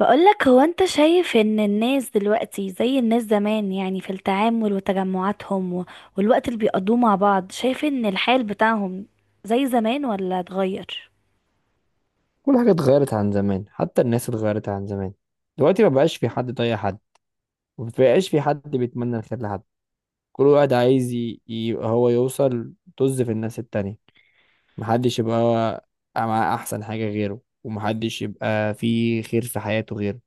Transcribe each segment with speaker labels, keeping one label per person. Speaker 1: بقولك هو انت شايف ان الناس دلوقتي زي الناس زمان، يعني في التعامل وتجمعاتهم والوقت اللي بيقضوه مع بعض، شايف ان الحال بتاعهم زي زمان ولا اتغير؟
Speaker 2: كل حاجة اتغيرت عن زمان، حتى الناس اتغيرت عن زمان. دلوقتي ما بقاش في حد طايق حد، وما بقاش في حد بيتمنى الخير لحد. كل واحد عايز يبقى هو يوصل، طز في الناس التانية. محدش يبقى هو مع أحسن حاجة غيره، ومحدش يبقى في خير في حياته غيره.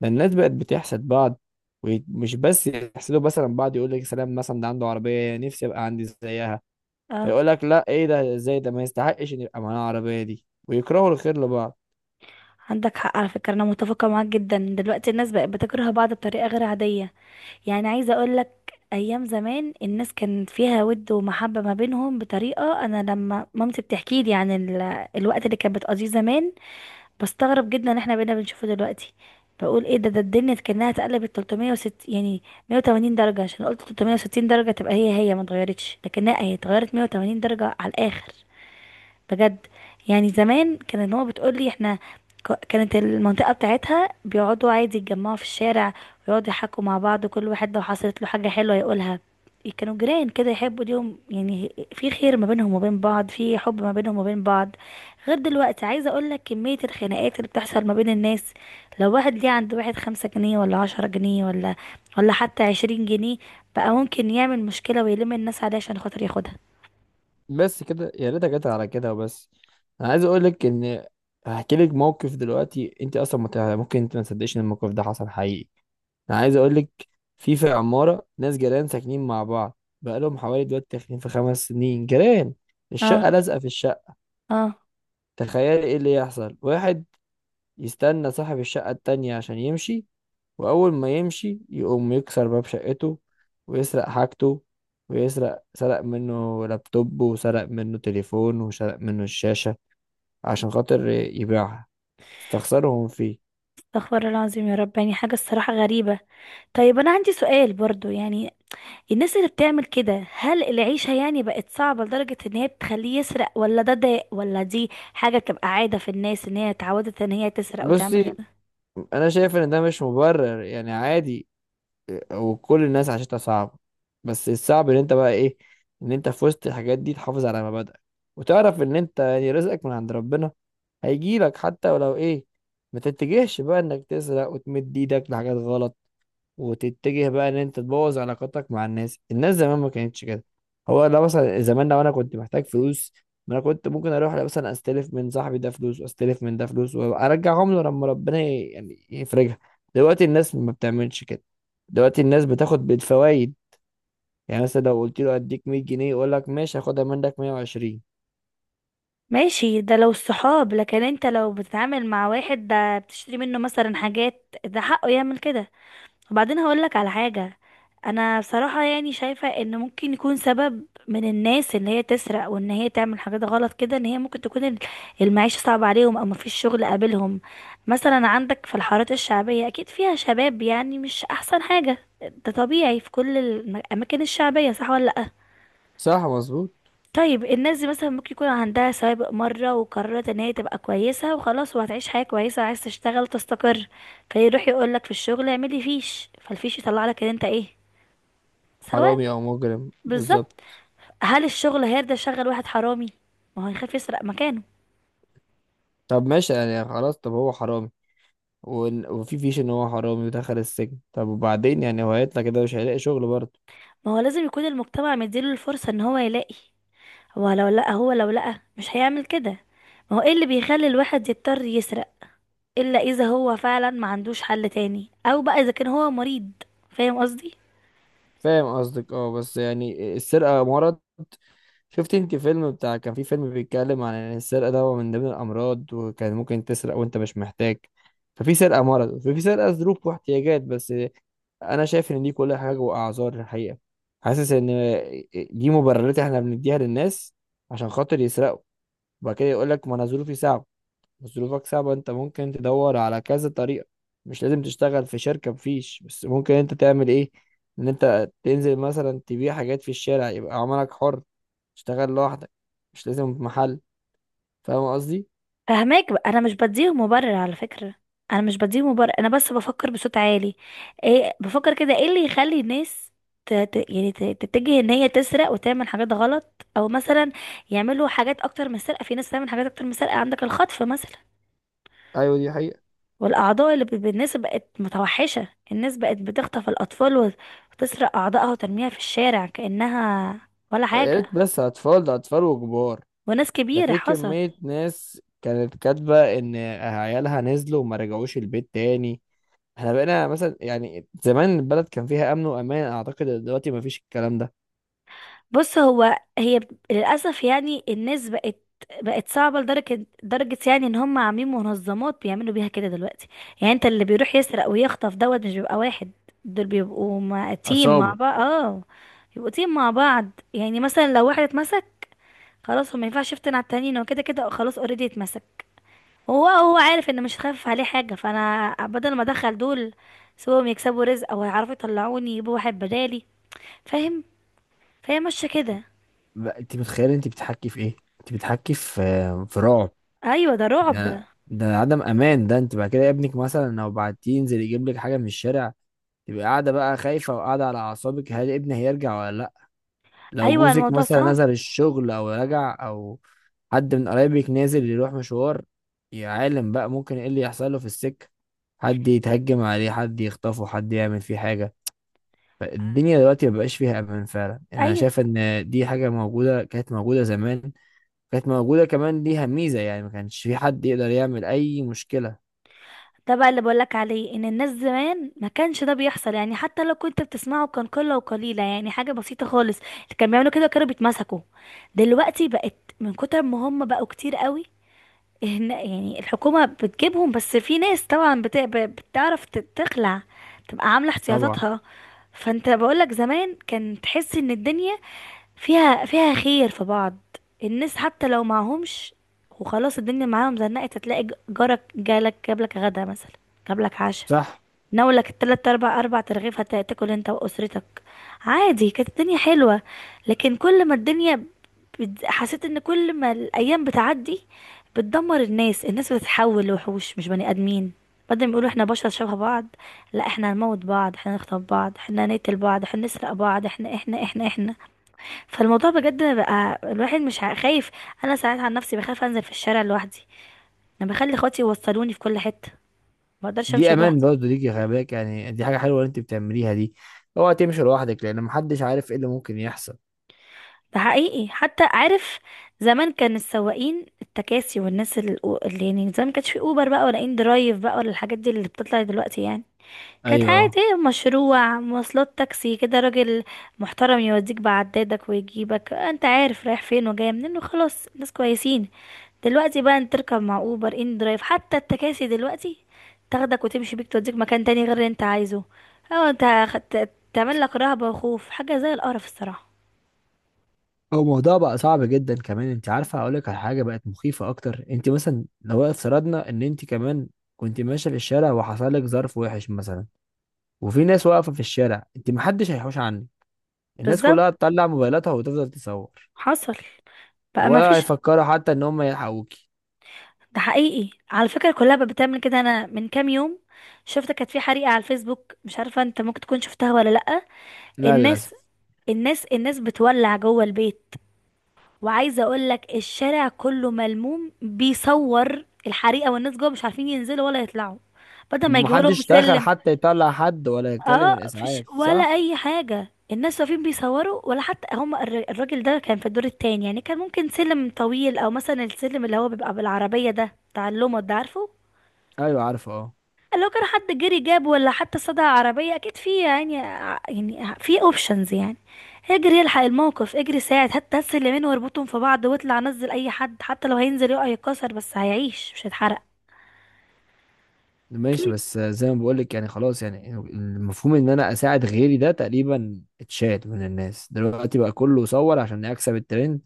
Speaker 2: ده الناس بقت بتحسد بعض، ومش بس يحسدوا مثلا بعض، يقول لك سلام مثلا ده عنده عربية نفسي أبقى عندي زيها،
Speaker 1: اه،
Speaker 2: فيقول لك لا ايه ده؟ ازاي ده ما يستحقش ان يبقى معاه العربية دي؟ ويكرهوا الخير لبعض.
Speaker 1: عندك حق على فكرة، انا متفقة معاك جدا. دلوقتي الناس بقت بتكره بعض بطريقة غير عادية، يعني عايزة اقولك ايام زمان الناس كان فيها ود ومحبة ما بينهم بطريقة، انا لما مامتي بتحكي لي عن الوقت اللي كانت بتقضيه زمان بستغرب جدا ان احنا بقينا بنشوفه دلوقتي. بقول ايه ده الدنيا كأنها اتقلبت 360، يعني 180 درجة، عشان قلت 360 درجة تبقى هي هي ما اتغيرتش، لكنها هي اتغيرت 180 درجة على الآخر بجد. يعني زمان كانت ماما بتقولي احنا كانت المنطقة بتاعتها بيقعدوا عادي يتجمعوا في الشارع، ويقعدوا يحكوا مع بعض، كل واحد لو حصلت له حاجة حلوة يقولها. كانوا جيران كده، يحبوا ليهم، يعني في خير ما بينهم وبين بعض، في حب ما بينهم وبين بعض. غير دلوقتي، عايزة اقول لك كمية الخناقات اللي بتحصل ما بين الناس، لو واحد ليه عند واحد خمسة جنيه ولا عشرة جنيه، ولا حتى عشرين جنيه، بقى ممكن يعمل مشكلة ويلم الناس عليه عشان خاطر ياخدها.
Speaker 2: بس كده، يا ريتها جت على كده وبس. انا عايز اقول لك ان هحكي لك موقف دلوقتي، انت اصلا ممكن انت ما تصدقش ان الموقف ده حصل حقيقي. انا عايز اقول لك، في عماره ناس جيران ساكنين مع بعض بقالهم حوالي دلوقتي، داخلين في خمس سنين جيران، الشقه
Speaker 1: اه.
Speaker 2: لازقه في الشقه.
Speaker 1: اه.
Speaker 2: تخيلي ايه اللي يحصل، واحد يستنى صاحب الشقه التانية عشان يمشي، وأول ما يمشي يقوم يكسر باب شقته ويسرق حاجته. ويسرق، سرق منه لابتوب وسرق منه تليفون وسرق منه الشاشة، عشان خاطر يبيعها. استخسرهم فيه.
Speaker 1: استغفر الله العظيم، يا رب، يعني حاجة الصراحة غريبة. طيب أنا عندي سؤال برضو، يعني الناس اللي بتعمل كده هل العيشة يعني بقت صعبة لدرجة إن هي بتخليه يسرق، ولا ده ولا دي حاجة بتبقى عادة في الناس إن هي اتعودت إن هي تسرق وتعمل
Speaker 2: بصي،
Speaker 1: كده؟
Speaker 2: أنا شايف إن ده مش مبرر، يعني عادي، وكل الناس عاشتها صعبة. بس الصعب إن أنت بقى إيه، إن أنت في وسط الحاجات دي تحافظ على مبادئك، وتعرف إن أنت يعني رزقك من عند ربنا، هيجيلك حتى ولو إيه. ما تتجهش بقى انك تسرق وتمد ايدك لحاجات غلط، وتتجه بقى ان انت تبوظ علاقاتك مع الناس. الناس زمان ما كانتش كده. هو لو مثلا زمان، لو انا كنت محتاج فلوس، ما انا كنت ممكن اروح مثلا استلف من صاحبي ده فلوس، واستلف من ده فلوس، وارجعهم له لما ربنا يعني يفرجها. دلوقتي الناس ما بتعملش كده، دلوقتي الناس بتاخد بالفوائد. يعني مثلا لو قلت له اديك 100 جنيه، يقول لك ماشي هاخدها منك 120.
Speaker 1: ماشي، ده لو الصحاب، لكن أنت لو بتتعامل مع واحد ده بتشتري منه مثلا حاجات ده حقه يعمل كده؟ وبعدين هقولك على حاجة. انا بصراحة يعني شايفة ان ممكن يكون سبب من الناس ان هي تسرق وان هي تعمل حاجات غلط كده، ان هي ممكن تكون المعيشة صعبة عليهم او مفيش شغل قابلهم. مثلا عندك في الحارات الشعبية اكيد فيها شباب، يعني مش احسن حاجة، ده طبيعي في كل الاماكن الشعبية، صح ولا لأ؟
Speaker 2: صح، مظبوط.
Speaker 1: طيب الناس دي مثلا ممكن يكون عندها سوابق مرة، وقررت ان هي تبقى كويسة وخلاص، وهتعيش حياة كويسة، عايز تشتغل تستقر، فيروح يقولك في الشغل اعملي فيش، فالفيش يطلع لك ان انت ايه، سواء.
Speaker 2: حرامي او مجرم،
Speaker 1: بالظبط.
Speaker 2: بالظبط.
Speaker 1: هل الشغل هيرضى يشغل واحد حرامي؟ ما هو هيخاف يسرق مكانه.
Speaker 2: طب ماشي، يعني خلاص، طب هو حرامي، وفي فيش ان هو حرامي ودخل السجن، طب وبعدين؟ يعني هو هيطلع كده مش هيلاقي شغل برضه.
Speaker 1: ما هو لازم يكون المجتمع مديله الفرصة ان هو يلاقي، هو لو لقى، هو لو لقى مش هيعمل كده. ما هو ايه اللي بيخلي الواحد يضطر يسرق، الا اذا هو فعلا ما عندوش حل تاني، او بقى اذا كان هو مريض. فاهم قصدي؟
Speaker 2: فاهم قصدك، اه، بس يعني السرقة مرض. شفت انت فيلم بتاع، كان في فيلم بيتكلم عن ان السرقة ده هو من ضمن الامراض، وكان ممكن تسرق وانت مش محتاج. ففي سرقة مرض وفي سرقة ظروف واحتياجات بس. انا شايف ان دي كلها حاجة واعذار الحقيقة. حاسس ان دي مبررات احنا بنديها للناس عشان خاطر يسرقوا، وبعد كده يقول لك ما انا ظروفي صعبة. بس ظروفك صعبة، انت ممكن تدور على كذا طريقة. مش لازم تشتغل في شركة، مفيش، بس ممكن انت تعمل ايه، ان انت تنزل مثلا تبيع حاجات في الشارع، يبقى عملك حر، تشتغل لوحدك، مش لازم في محل. فاهم قصدي؟
Speaker 1: فهماك بقى، انا مش بديهم مبرر على فكرة، انا مش بديهم مبرر، انا بس بفكر بصوت عالي ايه، بفكر كده ايه اللي يخلي الناس يعني تتجه ان هي تسرق وتعمل حاجات غلط، او مثلا يعملوا حاجات اكتر من السرقة، في ناس تعمل حاجات اكتر من السرقة، عندك الخطف مثلا.
Speaker 2: ايوه دي حقيقة.
Speaker 1: والاعضاء اللي الناس بقت متوحشة، الناس بقت بتخطف الاطفال وتسرق اعضائها وترميها في الشارع كأنها ولا
Speaker 2: يا
Speaker 1: حاجة.
Speaker 2: ريت بس اطفال، ده اطفال وكبار.
Speaker 1: وناس
Speaker 2: ده
Speaker 1: كبيرة
Speaker 2: في
Speaker 1: حصل.
Speaker 2: كمية ناس كانت كاتبة ان عيالها نزلوا وما رجعوش البيت تاني. احنا بقينا مثلا، يعني زمان البلد كان فيها امن وامان، اعتقد إن دلوقتي مفيش الكلام ده.
Speaker 1: بص، هو هي للأسف يعني الناس بقت صعبة لدرجة درجة، يعني ان هم عاملين منظمات بيعملوا بيها كده دلوقتي. يعني انت اللي بيروح يسرق ويخطف دوت مش بيبقى واحد، دول بيبقوا مع تيم مع
Speaker 2: عصابة.
Speaker 1: بعض. اه، بيبقوا تيم مع بعض. يعني مثلا لو واحد اتمسك، خلاص هو ما ينفعش يفتن على التانيين، هو كده كده خلاص اوريدي اتمسك، هو عارف ان مش هتخفف عليه حاجة، فانا بدل ما ادخل دول سواء يكسبوا رزق او يعرفوا يطلعوني، يجيبوا واحد بدالي. فاهم؟ فهي ماشية كده.
Speaker 2: انت متخيل انت بتحكي في ايه؟ انت بتحكي في في رعب.
Speaker 1: ايوه، ده رعب.
Speaker 2: ده عدم امان، ده انت بعد كده ابنك مثلا لو بعتيه ينزل يجيب لك حاجه من الشارع، تبقى قاعده بقى خايفه وقاعده على اعصابك، هل ابني هيرجع ولا لا؟ لو
Speaker 1: ايوه،
Speaker 2: جوزك
Speaker 1: الموضوع
Speaker 2: مثلا
Speaker 1: صعب.
Speaker 2: نزل الشغل او رجع، او حد من قرايبك نازل يروح مشوار، يا عالم بقى ممكن ايه اللي يحصل له في السكه؟ حد يتهجم عليه، حد يخطفه، حد يعمل فيه حاجه. فالدنيا دلوقتي مبقاش فيها امان، فعلا انا
Speaker 1: ايوه،
Speaker 2: شايف ان دي حاجه موجوده، كانت موجوده زمان، كانت موجودة كمان ليها ميزة، يعني ما كانش في حد يقدر يعمل أي مشكلة.
Speaker 1: ده بقى اللي بقولك عليه، ان الناس زمان ما كانش ده بيحصل، يعني حتى لو كنت بتسمعه كان قله وقليله، يعني حاجه بسيطه خالص اللي كانوا بيعملوا كده كانوا بيتمسكوا. دلوقتي بقت من كتر ما هم بقوا كتير قوي، يعني الحكومه بتجيبهم، بس في ناس طبعا بتعرف تخلع، تبقى عامله
Speaker 2: طبعا.
Speaker 1: احتياطاتها. فانت بقولك زمان كان تحس ان الدنيا فيها خير في بعض، الناس حتى لو معهمش وخلاص الدنيا معاهم زنقت هتلاقي جارك جالك جابلك غدا مثلا، جابلك عشاء،
Speaker 2: صح.
Speaker 1: ناولك التلات اربع، ترغيف هتاكل انت واسرتك عادي. كانت الدنيا حلوة. لكن كل ما الدنيا حسيت ان كل ما الايام بتعدي بتدمر الناس، الناس بتتحول لوحوش مش بني ادمين. بدل ما يقولوا احنا بشر شبه بعض، لا احنا هنموت بعض، احنا نخطف بعض، احنا نقتل بعض، احنا نسرق بعض، احنا. فالموضوع بجد بقى الواحد مش خايف. انا ساعات عن نفسي بخاف انزل في الشارع لوحدي، انا بخلي اخواتي يوصلوني في كل حته، ما بقدرش
Speaker 2: دي
Speaker 1: امشي
Speaker 2: أمان
Speaker 1: لوحدي.
Speaker 2: برضه ليكي، خلي بالك، يعني دي حاجة حلوة اللي أنت بتعمليها دي. اوعى تمشي لوحدك، لأن محدش عارف إيه اللي ممكن يحصل.
Speaker 1: ده حقيقي حتى، عارف زمان كان السواقين التكاسي والناس اللي يعني زمان ما كانش في اوبر بقى ولا ان درايف بقى ولا الحاجات دي اللي بتطلع دلوقتي، يعني كانت
Speaker 2: أيوه.
Speaker 1: عادي، مشروع مواصلات تاكسي كده، راجل محترم يوديك بعدادك ويجيبك، انت عارف رايح فين وجاي منين، وخلاص ناس كويسين. دلوقتي بقى انت تركب مع اوبر ان درايف، حتى التكاسي دلوقتي تاخدك وتمشي بيك توديك مكان تاني غير اللي انت عايزه، او انت تعمل لك رهبة وخوف، حاجة زي القرف الصراحة.
Speaker 2: هو الموضوع بقى صعب جدا كمان، أنت عارفة؟ أقول لك على حاجة بقت مخيفة أكتر، أنت مثلا لو افترضنا إن أنت كمان كنت ماشية في الشارع، وحصل لك ظرف وحش مثلا، وفي ناس واقفة في الشارع، أنت محدش هيحوش عنك، الناس
Speaker 1: بالظبط.
Speaker 2: كلها تطلع موبايلاتها وتفضل تصور،
Speaker 1: حصل، بقى ما
Speaker 2: ولا
Speaker 1: فيش.
Speaker 2: هيفكروا حتى إن هم يلحقوكي.
Speaker 1: ده حقيقي على فكرة، كلها بقى بتعمل كده. انا من كام يوم شفت كانت في حريقة على الفيسبوك، مش عارفة انت ممكن تكون شفتها ولا لأ.
Speaker 2: لا للأسف.
Speaker 1: الناس الناس بتولع جوه البيت، وعايزه اقول لك الشارع كله ملموم بيصور الحريقه، والناس جوه مش عارفين ينزلوا ولا يطلعوا، بدل ما يجيبوا لهم
Speaker 2: محدش دخل
Speaker 1: سلم.
Speaker 2: حتى يطلع حد، ولا يتكلم
Speaker 1: اه، فيش
Speaker 2: الإسعاف صح؟
Speaker 1: ولا اي حاجه، الناس واقفين بيصوروا، ولا حتى هم الراجل ده كان في الدور التاني، يعني كان ممكن سلم طويل، او مثلا السلم اللي هو بيبقى بالعربيه ده بتاع اللومو ده، عارفه؟
Speaker 2: أيوه عارفه أه.
Speaker 1: لو كان حد جري جاب، ولا حتى صدع عربية اكيد في، يعني يعني في اوبشنز يعني، اجري الحق الموقف، اجري ساعد، حتى هسه اليمين واربطهم في بعض واطلع نزل اي حد، حتى لو هينزل يقع يتكسر بس هيعيش مش هيتحرق.
Speaker 2: ماشي،
Speaker 1: أكيد.
Speaker 2: بس زي ما بقولك، يعني خلاص، يعني المفهوم إن أنا أساعد غيري ده تقريبا اتشال من الناس دلوقتي، بقى كله صور عشان أكسب الترند،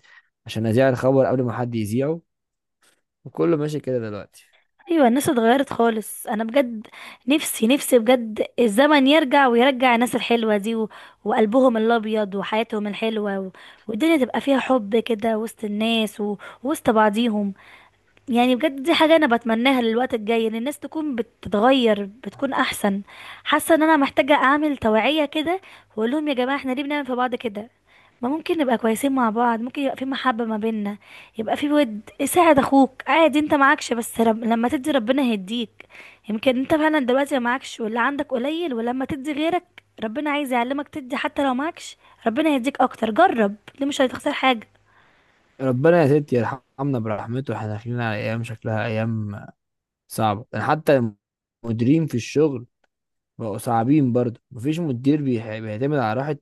Speaker 2: عشان أذيع الخبر قبل ما حد يذيعه. وكله ماشي كده دلوقتي.
Speaker 1: ايوه، الناس اتغيرت خالص انا بجد. نفسي نفسي بجد الزمن يرجع، ويرجع الناس الحلوه دي، و... وقلبهم الابيض، وحياتهم الحلوه، و... والدنيا تبقى فيها حب كده وسط الناس، و... وسط بعضيهم. يعني بجد دي حاجة أنا بتمناها للوقت الجاي، إن الناس تكون بتتغير، بتكون أحسن. حاسة إن أنا محتاجة أعمل توعية كده، وأقول لهم يا جماعة إحنا ليه بنعمل في بعض كده؟ ما ممكن نبقى كويسين مع بعض، ممكن يبقى في محبة ما بيننا، يبقى في ود. ساعد أخوك عادي، أنت معكش، لما تدي ربنا هيديك. يمكن أنت فعلا دلوقتي ما معكش واللي عندك قليل، ولما تدي غيرك ربنا عايز يعلمك تدي حتى لو معكش، ربنا هيديك أكتر. جرب، ليه مش هتخسر حاجة.
Speaker 2: ربنا يا ستي يرحمنا برحمته، احنا داخلين على أيام شكلها أيام صعبة، يعني حتى المديرين في الشغل بقوا صعبين برضه، مفيش مدير بيعتمد على راحة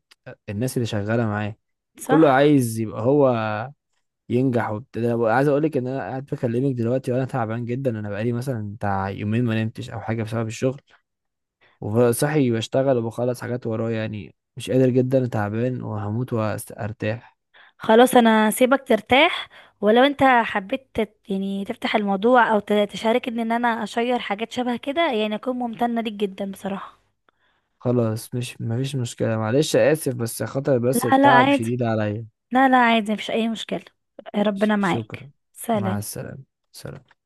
Speaker 2: الناس اللي شغالة معاه، كله
Speaker 1: صح؟
Speaker 2: عايز يبقى هو ينجح وبتاع. ده أنا عايز اقول لك ان انا قاعد بكلمك دلوقتي وانا تعبان جدا، انا بقالي مثلا بتاع يومين ما نمتش او حاجه بسبب الشغل، وصحي بشتغل وبخلص حاجات ورايا، يعني مش قادر جدا، تعبان وهموت وارتاح.
Speaker 1: خلاص انا سيبك ترتاح، ولو انت حبيت يعني تفتح الموضوع، او تشاركني ان انا اشير حاجات شبه كده، يعني اكون ممتنة ليك جدا بصراحة.
Speaker 2: خلاص مش مفيش مشكله، معلش اسف، بس خاطر بس
Speaker 1: لا لا
Speaker 2: التعب
Speaker 1: عادي.
Speaker 2: شديد عليا.
Speaker 1: لا لا عادي مفيش اي مشكلة. ربنا معاك.
Speaker 2: شكرا. مع
Speaker 1: سلام.
Speaker 2: السلامه. سلام.